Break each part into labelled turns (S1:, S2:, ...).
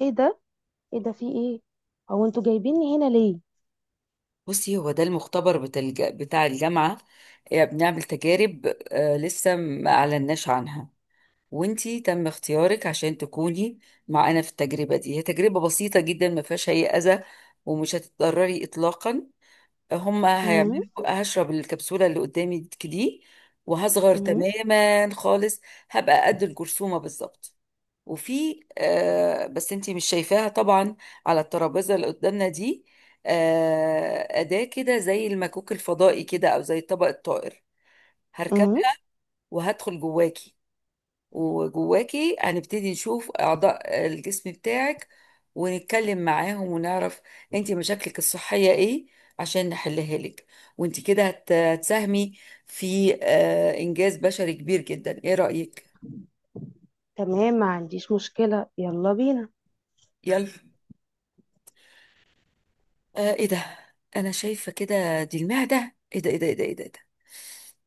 S1: ايه ده؟ ايه ده، في ايه؟ هو انتوا جايبيني هنا ليه؟
S2: بصي، هو ده المختبر بتاع الجامعة آه، بنعمل تجارب. آه، لسه ما أعلناش عنها. وانتي تم اختيارك عشان تكوني معانا في التجربة دي. هي تجربة بسيطة جدا، ما فيهاش أي أذى، ومش هتتضرري إطلاقا. هما
S1: امم.
S2: هيعملوا هشرب الكبسولة اللي قدامي دي وهصغر
S1: امم.
S2: تماما خالص، هبقى قد الجرثومة بالظبط. وفي بس انتي مش شايفاها طبعا، على الترابيزه اللي قدامنا دي، آه اداه كده زي المكوك الفضائي كده، او زي طبق الطائر.
S1: امم.
S2: هركبها وهدخل جواكي، وجواكي هنبتدي نشوف اعضاء الجسم بتاعك، ونتكلم معاهم ونعرف انتي مشاكلك الصحيه ايه عشان نحلها لك. وانتي كده هتساهمي في انجاز بشري كبير جدا. ايه رايك؟
S1: تمام، ما عنديش مشكلة، يلا بينا.
S2: يلا. آه، ايه ده، انا شايفه كده دي المعده. ايه ده ايه ده ايه ده ايه ده، إيه ده؟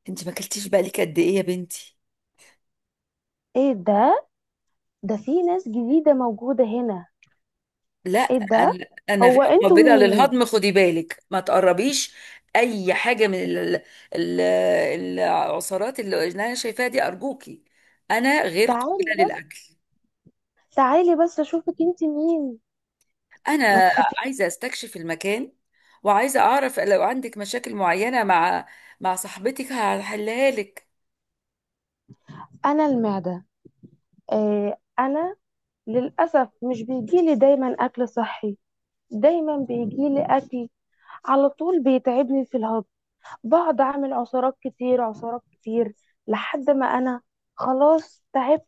S2: انت ما اكلتيش بقالك قد ايه يا بنتي؟
S1: ايه ده؟ ده في ناس جديدة موجودة هنا.
S2: لا،
S1: ايه ده؟
S2: انا
S1: هو
S2: غير
S1: انتوا
S2: قابله
S1: مين؟
S2: للهضم، خدي بالك ما تقربيش اي حاجه من ال... العصارات اللي انا شايفاها دي، ارجوكي، انا غير
S1: تعالي،
S2: قابله للاكل.
S1: تعالي بس اشوفك انت مين. ما
S2: انا
S1: تخافي.
S2: عايزه استكشف المكان، وعايزه اعرف لو عندك مشاكل معينه مع صاحبتك هحلها لك.
S1: انا المعدة. آه، انا للأسف مش بيجيلي دايما اكل صحي. دايما بيجيلي اكل على طول بيتعبني في الهضم. بقعد اعمل عصارات كتير، عصارات كتير، لحد ما انا خلاص تعبت،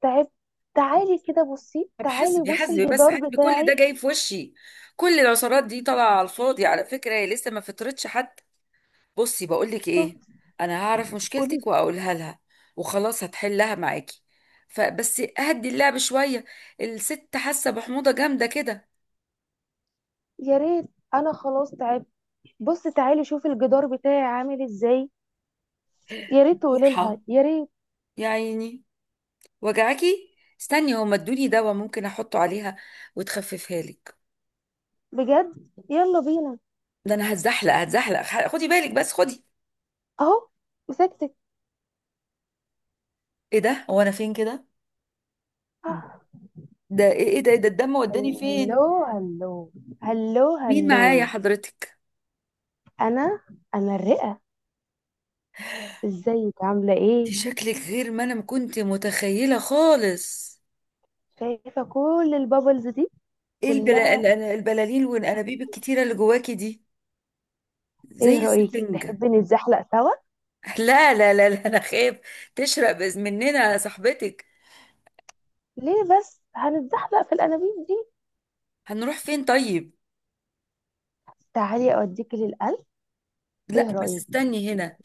S1: تعبت. تعالي كده بصي،
S2: طب
S1: تعالي
S2: حسبي،
S1: بصي
S2: حسبي، بس
S1: الجدار
S2: حسبي، كل ده
S1: بتاعي.
S2: جاي في وشي؟ كل العصارات دي طالعه على الفاضي على فكره، هي لسه ما فطرتش حد. بصي بقول لك
S1: شوف.
S2: ايه، انا هعرف مشكلتك
S1: قولي.
S2: واقولها لها، وخلاص هتحلها معاكي. فبس اهدي اللعب شويه. الست حاسه بحموضه جامده كده.
S1: يا ريت. انا خلاص تعبت. بص تعالي شوفي الجدار بتاعي عامل ازاي. يا ريت تقولي
S2: مرحى،
S1: لها، يا ريت.
S2: يا عيني، وجعاكي. استني، هما ادوني دواء ممكن احطه عليها وتخففها لك.
S1: بجد؟ يلا بينا.
S2: ده انا هتزحلق، خدي بالك بس، خدي.
S1: اهو، مسكتك.
S2: ايه ده، هو انا فين كده؟
S1: آه.
S2: ده ايه، إيه ده، إيه ده الدم، وداني فين؟
S1: هلو هلو، هلو
S2: مين
S1: هلو.
S2: معايا حضرتك؟
S1: انا انا الرئة. ازيك، عاملة ايه؟
S2: انت شكلك غير ما انا كنت متخيله خالص.
S1: شايفة كل البابلز دي؟
S2: ايه
S1: كلها.
S2: البلالين والانابيب الكتيره اللي جواكي دي، زي
S1: ايه رأيك
S2: السفنج.
S1: تحبي نتزحلق سوا؟
S2: لا لا لا لا، انا خايف تشرق بإذ مننا يا صاحبتك.
S1: ليه بس؟ هنتزحلق في الانابيب دي.
S2: هنروح فين طيب؟
S1: تعالي اوديكي للقلب.
S2: لا
S1: ايه
S2: بس
S1: رأيك؟
S2: استني هنا.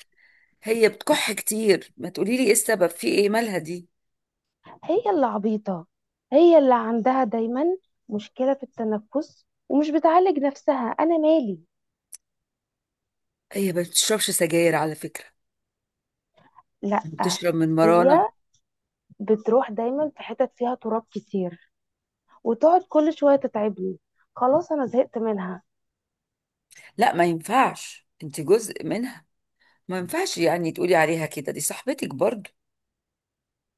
S2: هي بتكح كتير، ما تقولي لي ايه السبب، في ايه مالها دي؟
S1: هي اللي عبيطة، هي اللي عندها دايما مشكلة في التنفس ومش بتعالج نفسها، أنا مالي.
S2: هي ما بتشربش سجاير على فكره،
S1: لأ.
S2: بتشرب من مرانه.
S1: هي بتروح دايما في حتت فيها تراب كتير، وتقعد كل شوية تتعبني. خلاص أنا زهقت منها.
S2: لا، ما ينفعش، انت جزء منها، ما ينفعش يعني تقولي عليها كده، دي صاحبتك برضو.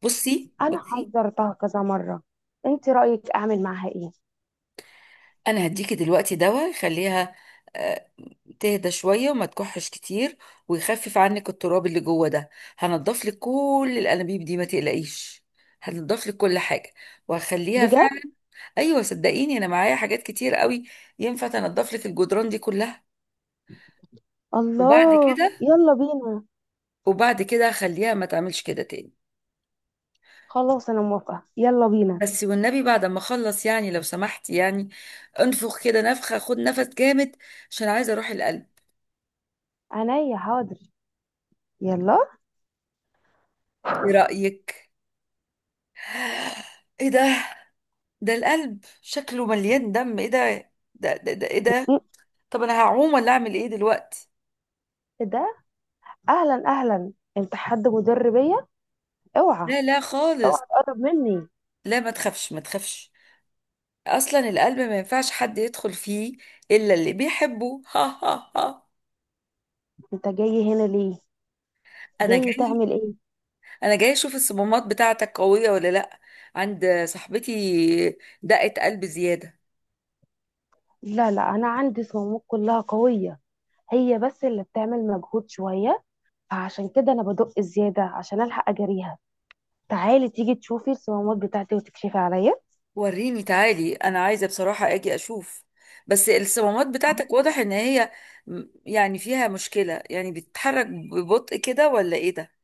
S2: بصي،
S1: أنا
S2: بصي.
S1: حذرتها كذا مرة. أنت رأيك أعمل معاها إيه؟
S2: انا هديكي دلوقتي دواء يخليها آه، تهدى شويه وما تكحش كتير، ويخفف عنك التراب اللي جوه ده. هنضف لك كل الانابيب دي، ما تقلقيش، هنضف لك كل حاجه، وهخليها
S1: بجد؟
S2: فعلا. ايوه، صدقيني، انا معايا حاجات كتير قوي ينفع تنضف لك الجدران دي كلها. وبعد
S1: الله،
S2: كده
S1: يلا بينا.
S2: وبعد كده هخليها ما تعملش كده تاني.
S1: خلاص أنا موافقة، يلا بينا.
S2: بس والنبي بعد ما اخلص يعني، لو سمحت يعني، انفخ كده نفخه، خد نفس جامد عشان عايزه اروح القلب.
S1: عينيا، حاضر. يلا.
S2: ايه رايك؟ ايه ده، ده القلب شكله مليان دم، ايه ده؟ ده ايه ده؟
S1: م-
S2: طب انا هعوم ولا اعمل ايه دلوقتي؟
S1: إيه ده؟ أهلا أهلا، أنت حد مدربية؟ اوعى،
S2: لا لا خالص.
S1: اوعى تقرب مني.
S2: لا ما تخافش، ما تخافش. اصلا القلب ما ينفعش حد يدخل فيه الا اللي بيحبه ها ها ها.
S1: انت جاي هنا ليه؟
S2: انا
S1: جاي
S2: جاي
S1: تعمل ايه؟
S2: انا جاي اشوف الصمامات بتاعتك قوية ولا لا. عند صاحبتي دقة قلب زيادة.
S1: لا لا، انا عندي صمامات كلها قويه. هي بس اللي بتعمل مجهود شويه، فعشان كده انا بدق زياده عشان الحق اجريها. تعالي، تيجي تشوفي الصمامات بتاعتي وتكشفي عليا.
S2: وريني، تعالي، انا عايزه بصراحه اجي اشوف بس الصمامات
S1: اه.
S2: بتاعتك، واضح ان هي يعني فيها مشكله، يعني بتتحرك ببطء كده، ولا ايه ده؟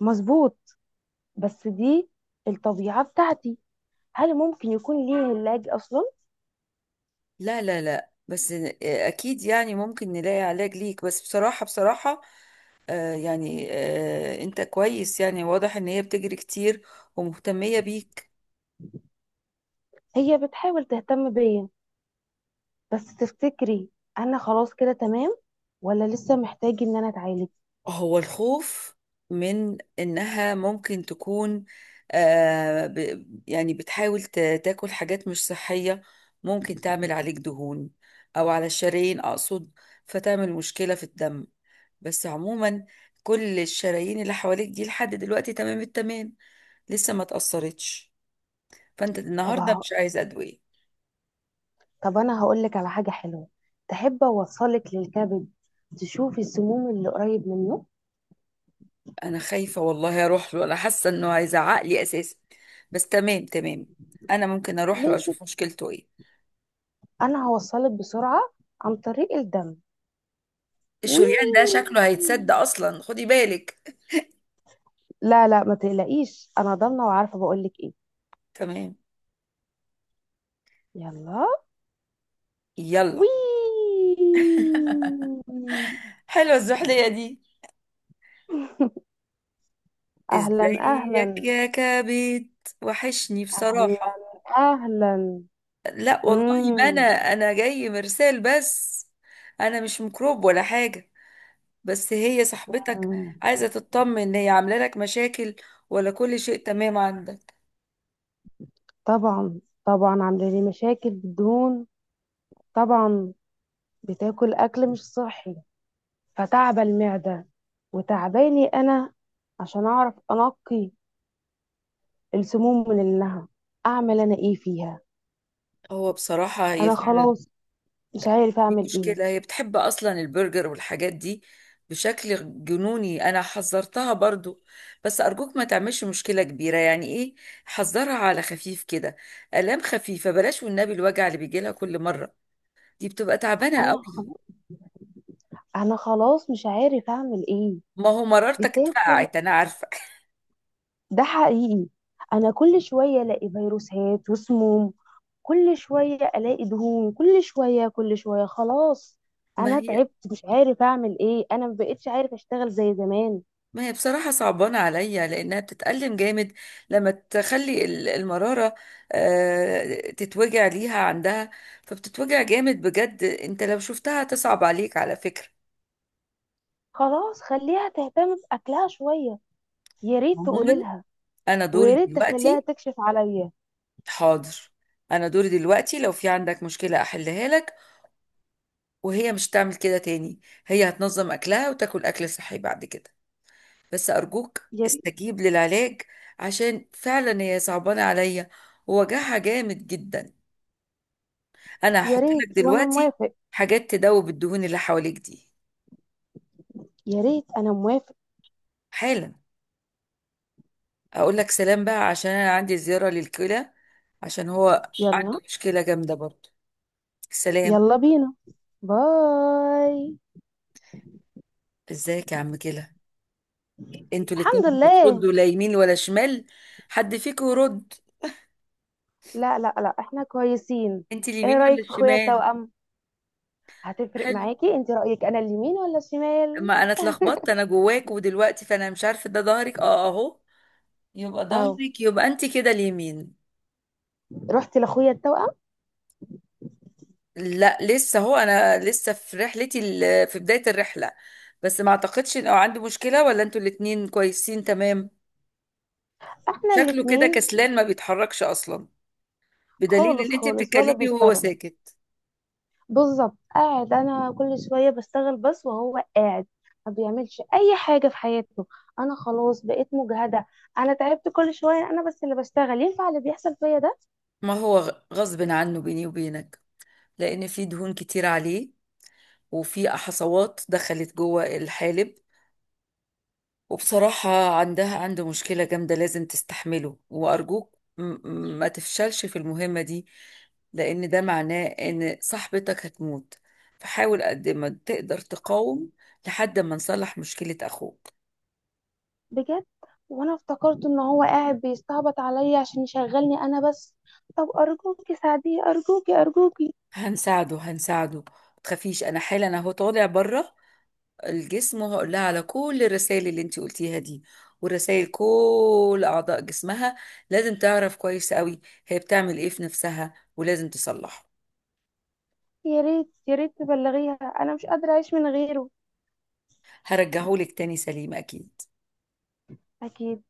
S1: مظبوط، بس دي الطبيعه بتاعتي. هل ممكن يكون ليه علاج اصلا؟
S2: لا لا لا، بس اكيد يعني ممكن نلاقي علاج ليك، بس بصراحه بصراحه، آه يعني انت كويس يعني، واضح ان هي بتجري كتير ومهتميه بيك.
S1: هي بتحاول تهتم بيا، بس تفتكري انا خلاص كده تمام ولا لسه محتاج ان انا اتعالج؟
S2: هو الخوف من إنها ممكن تكون، آه ب يعني بتحاول تاكل حاجات مش صحية، ممكن تعمل عليك دهون، أو على الشرايين أقصد، فتعمل مشكلة في الدم. بس عموما، كل الشرايين اللي حواليك دي لحد دلوقتي تمام التمام، لسه ما تأثرتش، فأنت النهاردة
S1: طب،
S2: مش عايزة أدوية.
S1: طب انا هقول لك على حاجه حلوه. تحب اوصلك للكبد؟ تشوفي السموم اللي قريب منه.
S2: أنا خايفة والله أروح له، أنا حاسة إنه هيزعق لي أساسا، بس تمام تمام، أنا ممكن أروح له
S1: ليه كده؟
S2: أشوف مشكلته إيه.
S1: انا هوصلك بسرعه عن طريق الدم. وي!
S2: الشريان ده شكله هيتسد اصلا، خدي بالك.
S1: لا لا، ما تقلقيش، انا ضامنه وعارفه، بقول لك ايه.
S2: تمام.
S1: يلا. وي!
S2: يلا. حلوة الزحلية دي.
S1: اهلا
S2: ازيك
S1: اهلا.
S2: يا كبد، وحشني
S1: اهلا
S2: بصراحة.
S1: اهلا.
S2: لا والله، ما انا
S1: مم.
S2: انا جاي مرسال بس، انا مش ميكروب ولا حاجة، بس هي صاحبتك
S1: مم.
S2: عايزة تطمن ان هي عاملة لك مشاكل، ولا كل شيء تمام عندك.
S1: طبعا طبعا، عامله لي مشاكل بالدهون. طبعا. بتاكل اكل مش صحي، فتعب المعدة، وتعباني أنا. عشان أعرف أنقي السموم من اللحم، أعمل أنا إيه فيها؟
S2: هو بصراحة هي
S1: أنا
S2: فعلا
S1: خلاص مش عارف
S2: دي
S1: أعمل إيه.
S2: مشكلة، هي بتحب أصلا البرجر والحاجات دي بشكل جنوني. أنا حذرتها برضو، بس أرجوك ما تعملش مشكلة كبيرة، يعني إيه، حذرها على خفيف كده. آلام خفيفة، بلاش والنبي الوجع اللي بيجيلها كل مرة، دي بتبقى تعبانة
S1: أنا
S2: قوي.
S1: خلاص. أنا خلاص مش عارف أعمل إيه.
S2: ما هو مرارتك
S1: بتاكل،
S2: اتفقعت أنا عارفة
S1: ده حقيقي. أنا كل شوية ألاقي فيروسات وسموم، كل شوية ألاقي دهون، كل شوية، كل شوية. خلاص
S2: ما
S1: أنا
S2: هي
S1: تعبت، مش عارف أعمل إيه، أنا مبقتش عارف أشتغل زي زمان.
S2: ما هي بصراحة صعبانة عليا، لأنها بتتألم جامد لما تخلي المرارة تتوجع ليها عندها، فبتتوجع جامد بجد. أنت لو شفتها تصعب عليك على فكرة.
S1: خلاص، خليها تهتم بأكلها شوية. يا ريت تقولي
S2: عموما،
S1: لها،
S2: أنا دوري
S1: ويا ريت تخليها
S2: دلوقتي.
S1: تكشف عليا.
S2: حاضر. أنا دوري دلوقتي، لو في عندك مشكلة أحلها لك، وهي مش تعمل كده تاني. هي هتنظم أكلها وتاكل أكل صحي بعد كده، بس أرجوك
S1: يا ريت.
S2: استجيب للعلاج، عشان فعلا هي صعبانة عليا ووجعها جامد جدا. انا
S1: يا
S2: هحط لك
S1: ريت، وانا
S2: دلوقتي
S1: موافق.
S2: حاجات تدوب الدهون اللي حواليك دي،
S1: يا ريت، انا موافق.
S2: حالا. اقول لك سلام بقى، عشان انا عندي زيارة للكلى، عشان هو عنده
S1: يلا.
S2: مشكلة جامدة برضه. سلام.
S1: يلا بينا، باي.
S2: ازيك يا عم كلى. انتوا الاتنين
S1: الحمد لله.
S2: بتردوا، لا يمين ولا شمال، حد فيكم يرد؟
S1: لا لا لا، احنا كويسين.
S2: انت اليمين
S1: ايه
S2: ولا
S1: رايك في اخويا
S2: الشمال؟
S1: التوأم؟ هتفرق
S2: حلو،
S1: معاكي؟ انت رايك انا اليمين ولا الشمال؟
S2: ما انا اتلخبطت انا جواك، ودلوقتي فانا مش عارفه، ده ظهرك، اه اهو، يبقى
S1: او،
S2: ظهرك، يبقى انت كده اليمين.
S1: رحت لاخويا التوأم.
S2: لا لسه، هو انا لسه في رحلتي، في بداية الرحلة، بس ما اعتقدش ان، أو عندي مشكلة، ولا انتوا الاتنين كويسين تمام؟
S1: احنا
S2: شكله كده
S1: الاتنين.
S2: كسلان ما بيتحركش اصلا، بدليل
S1: خالص
S2: ان انت
S1: خالص، ولا
S2: بتتكلمي وهو
S1: بيشتغل.
S2: ساكت.
S1: بالظبط، قاعد انا كل شويه بشتغل بس وهو قاعد، ما بيعملش اي حاجه في حياته. انا خلاص بقيت مجهده، انا تعبت. كل شويه انا بس اللي بشتغل. ينفع اللي بيحصل فيا ده؟
S2: ما هو غصب عنه بيني وبينك، لان في دهون كتير عليه، وفي حصوات دخلت جوه الحالب. وبصراحة عندها، عنده مشكلة جامدة لازم تستحمله، وأرجوك ما تفشلش في المهمة دي، لأن ده معناه إن صاحبتك هتموت، فحاول قد ما تقدر تقاوم لحد ما نصلح مشكلة أخوك.
S1: بجد؟ وانا افتكرت ان هو قاعد بيستعبط عليا عشان يشغلني انا بس. طب ارجوكي ساعديه، ارجوكي، ارجوكي.
S2: هنساعده، هنساعده، ما تخافيش، أنا حالا أهو طالع بره الجسم، وهقول لها على كل الرسائل اللي انت قلتيها دي ورسائل كل أعضاء جسمها، لازم تعرف كويس قوي هي بتعمل إيه في نفسها، ولازم تصلحه.
S1: يا ريت، يا ريت تبلغيها انا مش قادره اعيش من غيره.
S2: هرجعهولك تاني سليم اكيد.
S1: اكيد.